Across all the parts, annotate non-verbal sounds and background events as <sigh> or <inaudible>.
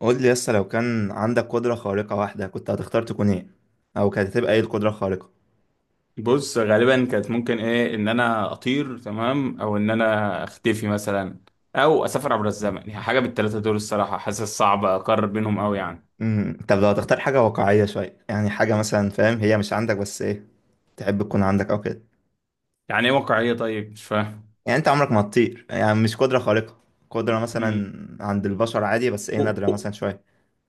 قول لي لسه لو كان عندك قدرة خارقة واحدة، كنت هتختار تكون ايه؟ او كانت هتبقى ايه القدرة الخارقة؟ بص غالبا كانت ممكن ايه ان انا اطير، تمام، او ان انا اختفي مثلا، او اسافر عبر الزمن، يعني حاجه بالثلاثه دول. الصراحه حاسس صعب اقرر بينهم قوي يعني. طب لو هتختار حاجة واقعية شوية، يعني حاجة مثلا فاهم، هي مش عندك بس ايه تحب تكون عندك او كده. يعني ايه واقعيه؟ طيب مش فاهم. يعني انت عمرك ما هتطير، يعني مش قدرة خارقة. قدرة امم مثلا عند البشر عادي بس ايه أو- نادرة أو- مثلا شوية.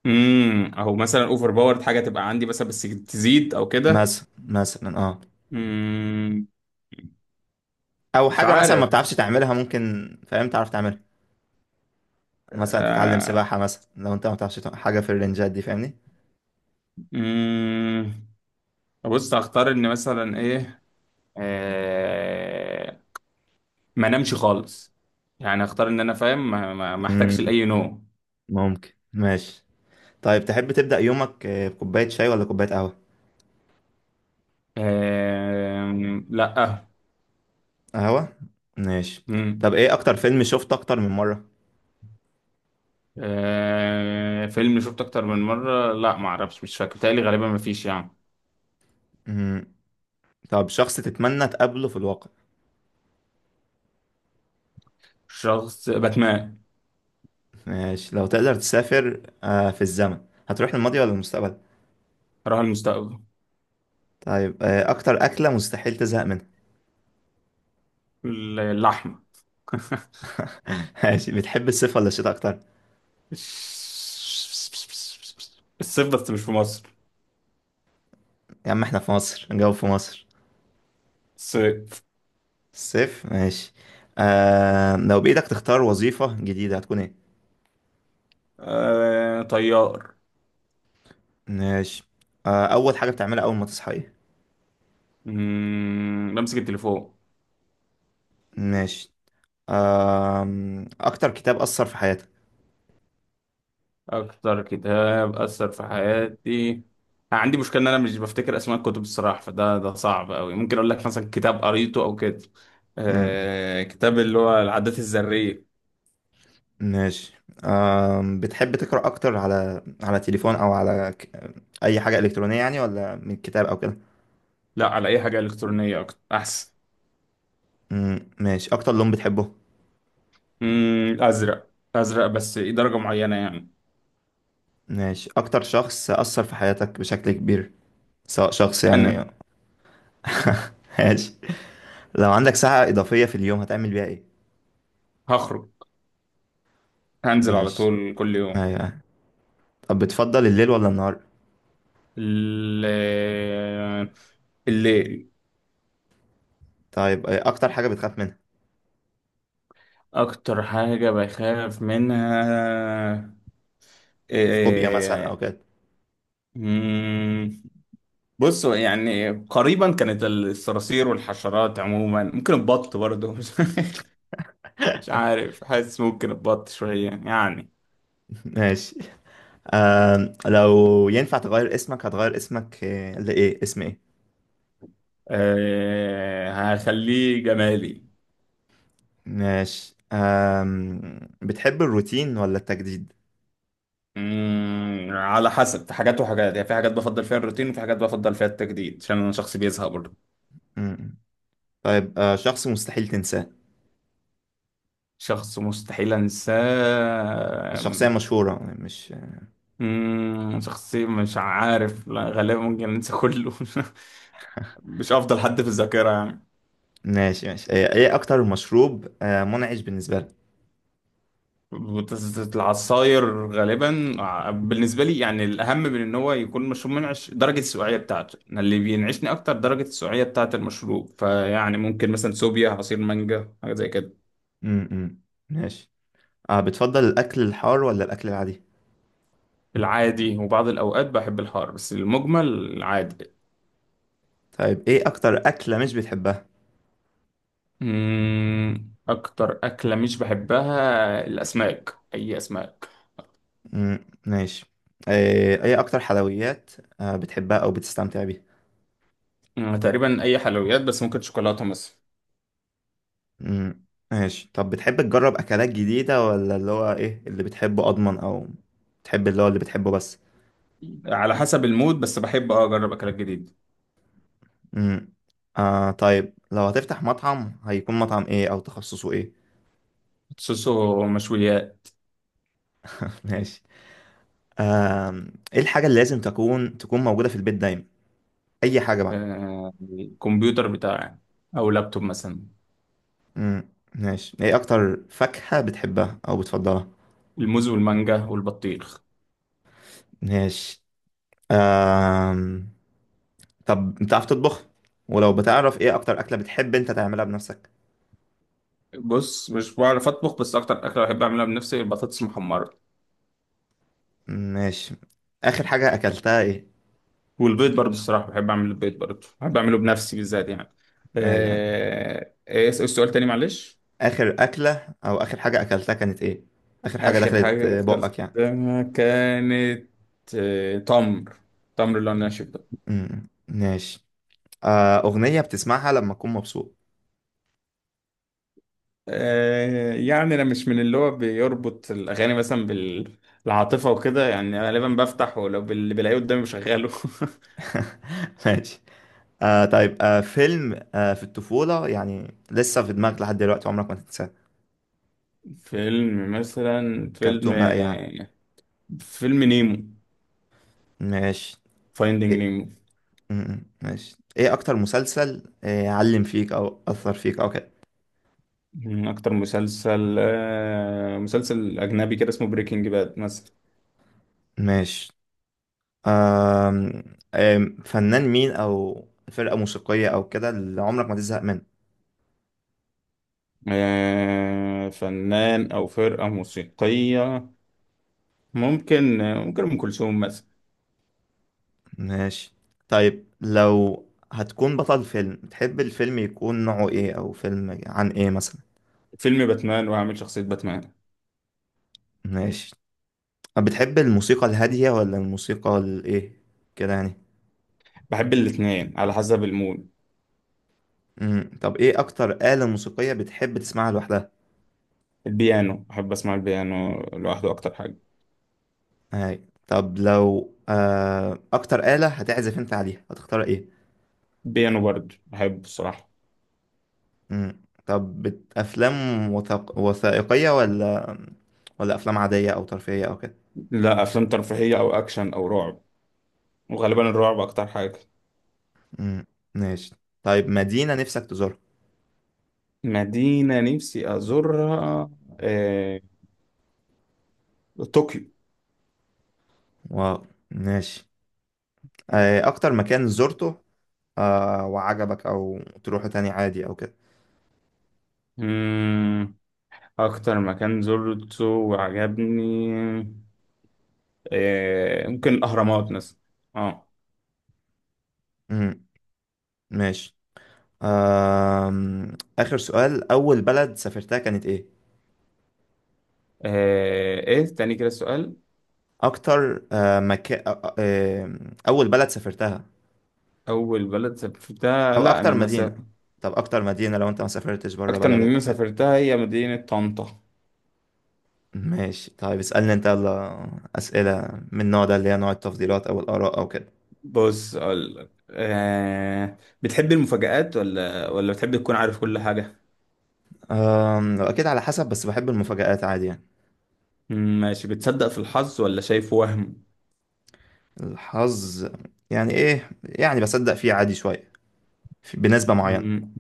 او مثلا اوفر باورد، حاجه تبقى عندي مثلا بس تزيد او كده. مثلا، امم او مش حاجة مثلا ما عارف. بتعرفش تعملها، ممكن فاهم تعرف تعملها. مثلا تتعلم آه، سباحة مثلا، لو انت ما بتعرفش حاجة في الرنجات دي، فاهمني؟ امم بص هختار ان مثلا ايه، آه، ما نمشي خالص، يعني اختار ان انا فاهم ما احتاجش امم لاي نوم. ممكن، ماشي. طيب تحب تبدأ يومك بكوباية شاي ولا كوباية قهوة؟ لا، آه. قهوة؟ ماشي. مم. طب ايه أكتر فيلم شفته أكتر من مرة؟ آه، فيلم شفته اكتر من مره؟ لا، ما اعرفش، مش فاكر تقريبا، غالبا ما فيش يعني. مم. طب شخص تتمنى تقابله في الواقع. شخص باتمان. ماشي. لو تقدر تسافر في الزمن، هتروح للماضي ولا المستقبل؟ راه المستقبل. طيب، أكتر أكلة مستحيل تزهق منها. اللحمه. <laughs> <laughs> ماشي. بتحب الصيف ولا الشتاء أكتر؟ الصيف، بس مش في مصر. يا عم احنا في مصر، نجاوب في مصر. الصيف. الصيف. ماشي. لو بإيدك تختار وظيفة جديدة، هتكون ايه؟ آه، طيار. ماشي. أول حاجة بتعملها أول ما تصحى ايه؟ بمسك التليفون. ماشي. أكتر كتاب أثر في حياتك. اكتر كتاب اثر في حياتي، عندي مشكله ان انا مش بفتكر اسماء الكتب الصراحه، فده صعب قوي، ممكن اقول لك مثلا كتاب قريته او كده. مم. آه، كتاب اللي هو العادات الذريه. ماشي. بتحب تقرأ أكتر على تليفون، أو على أي حاجة إلكترونية يعني، ولا من كتاب أو كده؟ لا، على اي حاجه الكترونيه اكتر احسن. مم. ماشي. أكتر لون بتحبه. ازرق، ازرق بس إيه درجه معينه يعني. ماشي. أكتر شخص أثر في حياتك بشكل كبير، سواء شخص يعني. انا <laughs> ماشي. لو عندك ساعة إضافية في اليوم، هتعمل بيها إيه؟ هخرج، هنزل على ماشي. طول كل يوم. أيوة. طب بتفضل الليل ولا النهار؟ آه، الليل. طيب، أكتر حاجة بتخاف منها. اكتر حاجه بخاف منها فوبيا مثلا أو إيه؟ كده. بصوا يعني قريبا كانت الصراصير والحشرات عموما، ممكن البط برضه. <laughs> مش عارف، حاسس ممكن البط شوية يعني. <laughs> ماشي. لو ينفع تغير اسمك، هتغير اسمك لإيه؟ اسم إيه؟ أه، هخليه جمالي. ماشي. بتحب الروتين ولا التجديد؟ على حسب، في حاجات وحاجات يعني، في حاجات بفضل فيها الروتين وفي حاجات بفضل فيها التجديد، عشان انا شخص بيزهق برضه. مم. طيب شخص مستحيل تنساه. شخص مستحيل انساه. شخصية مشهورة مش. شخصي؟ مش عارف، لا غالبا ممكن انسى كله. <laughs> مش افضل حد في الذاكرة يعني. ماشي، ماشي. إيه أكتر مشروب منعش بالنسبة لك؟ العصاير غالبا، بالنسبه لي يعني الاهم من ان هو يكون مشروب منعش، درجه السقوعيه بتاعته، أنا اللي بينعشني اكتر درجه السقوعيه بتاعه المشروب، فيعني ممكن مثلا سوبيا، عصير مانجا، حاجه زي كده. مم، مم. ماشي. بتفضل الأكل الحار ولا الأكل العادي؟ العادي، وبعض الاوقات بحب الحار، بس المجمل العادي. طيب، إيه أكتر أكلة مش بتحبها؟ اكتر اكله مش بحبها الاسماك، اي اسماك. مم، ماشي. إيه أكتر حلويات بتحبها أو بتستمتع بيها؟ تقريبا اي حلويات، بس ممكن شوكولاته مثلا. امم ماشي. طب بتحب تجرب اكلات جديدة، ولا اللي هو ايه اللي بتحبه اضمن، او بتحب اللي هو اللي بتحبه بس؟ على حسب المود، بس بحب اه اجرب اكلات جديده. امم طيب، لو هتفتح مطعم، هيكون مطعم ايه او تخصصه ايه؟ خصوصا مشويات. <laughs> ماشي. آه ايه الحاجة اللي لازم تكون موجودة في البيت دايما، اي حاجة بقى. آه، الكمبيوتر بتاعي، او لابتوب مثلا. امم ماشي. ايه اكتر فاكهة بتحبها او بتفضلها؟ الموز والمانجا والبطيخ. ماشي. آه طب بتعرف تطبخ؟ ولو بتعرف، ايه اكتر اكلة بتحب انت تعملها بنفسك؟ بص مش بعرف اطبخ، بس اكتر اكله بحب اعملها بنفسي البطاطس المحمره، ماشي. آخر حاجة أكلتها إيه؟ والبيض برضه الصراحه، بحب اعمل البيض برضه، بحب اعمله بنفسي بالذات يعني. أيوه، أيوه. آه، ايه السؤال تاني معلش؟ آخر أكلة أو آخر حاجة أكلتها كانت إيه؟ آخر حاجة اخر دخلت حاجه بقك يعني. اكلتها كانت آه، تمر، تمر اللي انا شفته. أمم، ماشي. أغنية بتسمعها لما أكون مبسوط. آه، يعني انا مش من اللي هو بيربط الاغاني مثلا بالعاطفه وكده يعني، غالبا بفتح ولو اللي بلاقيه قدامي بشغله. <laughs> <laughs> ماشي. طيب فيلم في الطفولة يعني، لسه في دماغك لحد دلوقتي، عمرك ما تنساه. فيلم، كرتون بقى يعني. فيلم نيمو. ماشي. فايندينج إيه؟ نيمو. أمم، ماشي. إيه أكتر مسلسل علم فيك أو أثر فيك أو كده؟ من اكتر مسلسل آه، مسلسل اجنبي كده اسمه بريكنج باد مثلا. ماشي. آم، آم، فنان مين او فرقة موسيقية او كده اللي عمرك ما تزهق منه. آه، فنان او فرقه موسيقيه، ممكن ممكن ام كلثوم مثلا. ماشي. طيب لو هتكون بطل فيلم، تحب الفيلم يكون نوعه ايه، او فيلم عن ايه مثلا؟ فيلم باتمان، وهعمل شخصيه باتمان. ماشي. بتحب الموسيقى الهادية ولا الموسيقى الايه كده يعني؟ بحب الاتنين، على حسب المود. مم. طب ايه اكتر آلة موسيقية بتحب تسمعها لوحدها؟ البيانو، بحب اسمع البيانو لوحده اكتر حاجه. هاي. طب لو اكتر آلة هتعزف انت عليها، هتختار ايه؟ بيانو برضه بحبه الصراحه. مم. طب افلام وثائقية، ولا افلام عادية او ترفيهية او كده؟ لا، افلام ترفيهيه او اكشن او رعب، وغالبا الرعب اكتر حاجه. مم. ماشي. طيب مدينة نفسك تزورها. مدينه نفسي ازورها آه... طوكيو. واو. ماشي. اكتر مكان زرته وعجبك، او تروحه تاني عادي او كده. مم... اكتر مكان زرته وعجبني ممكن الاهرامات مثلا. اه. مم. ماشي. اخر سؤال، اول بلد سافرتها كانت ايه؟ آه، ايه تاني كده السؤال؟ اكتر مكان، آه اول بلد سافرتها، اول بلد سافرتها؟ او لا، اكتر انا مدينة. مسافر. طب اكتر مدينة لو انت ما سافرتش بره اكتر من بلدك او مدينه كده. سافرتها هي مدينه طنطا. ماشي. طيب اسألني انت يلا، أسئلة من النوع ده اللي هي نوع التفضيلات أو الآراء أو كده. بص اقول لك آه، بتحب المفاجآت ولا بتحب تكون عارف كل حاجة؟ أكيد على حسب، بس بحب المفاجآت عادي يعني. ماشي. بتصدق في الحظ ولا شايفه وهم؟ الحظ؟ يعني إيه يعني، بصدق فيه عادي شوية، بنسبة معينة. مم،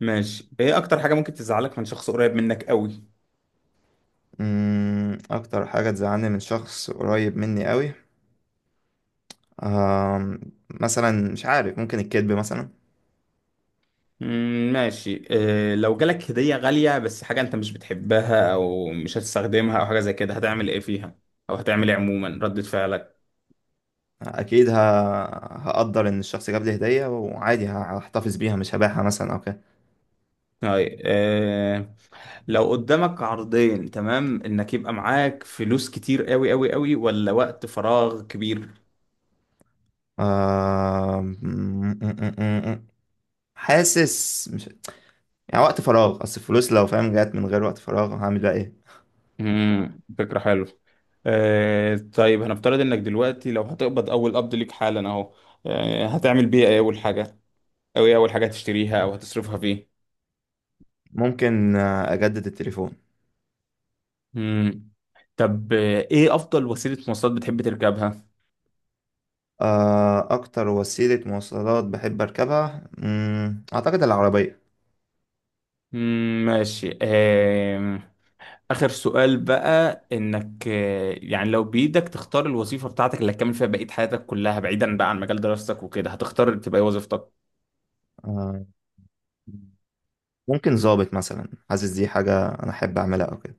ماشي. ايه اكتر حاجة ممكن تزعلك من شخص قريب منك قوي؟ أمم، أكتر حاجة تزعلني من شخص قريب مني قوي، أم، مثلا مش عارف، ممكن الكذب مثلا. ماشي. آه، لو جالك هدية غالية بس حاجة انت مش بتحبها او مش هتستخدمها او حاجة زي كده، هتعمل ايه فيها، او هتعمل ايه عموما ردة فعلك؟ أكيد هقدر إن الشخص جاب لي هدية، وعادي هحتفظ بيها مش هبيعها مثلا أو كده. هاي، آه، لو قدامك عرضين، تمام، انك يبقى معاك فلوس كتير قوي قوي قوي ولا وقت فراغ كبير؟ آه... <laughs> حاسس مش. يعني وقت فراغ، اصل الفلوس لو فاهم جات من غير وقت فراغ، هعمل بقى ايه؟ امم، فكرة حلوة. آه طيب هنفترض انك دلوقتي لو هتقبض اول قبض ليك حالا اهو، آه هتعمل بيه ايه اول حاجة، او ايه اول حاجة هتشتريها او هتصرفها فيه؟ ممكن اجدد التليفون. امم. طب آه ايه افضل وسيلة مواصلات بتحب تركبها؟ اكتر وسيلة مواصلات بحب اركبها، مم، اعتقد العربية. امم، ماشي. آه، اخر سؤال بقى، انك آه يعني لو بايدك تختار الوظيفة بتاعتك اللي هتكمل فيها بقية حياتك كلها بعيدا بقى عن مجال دراستك وكده، هتختار تبقى ايه وظيفتك؟ آه، ممكن ظابط مثلا، حاسس دي حاجة انا احب اعملها او كده.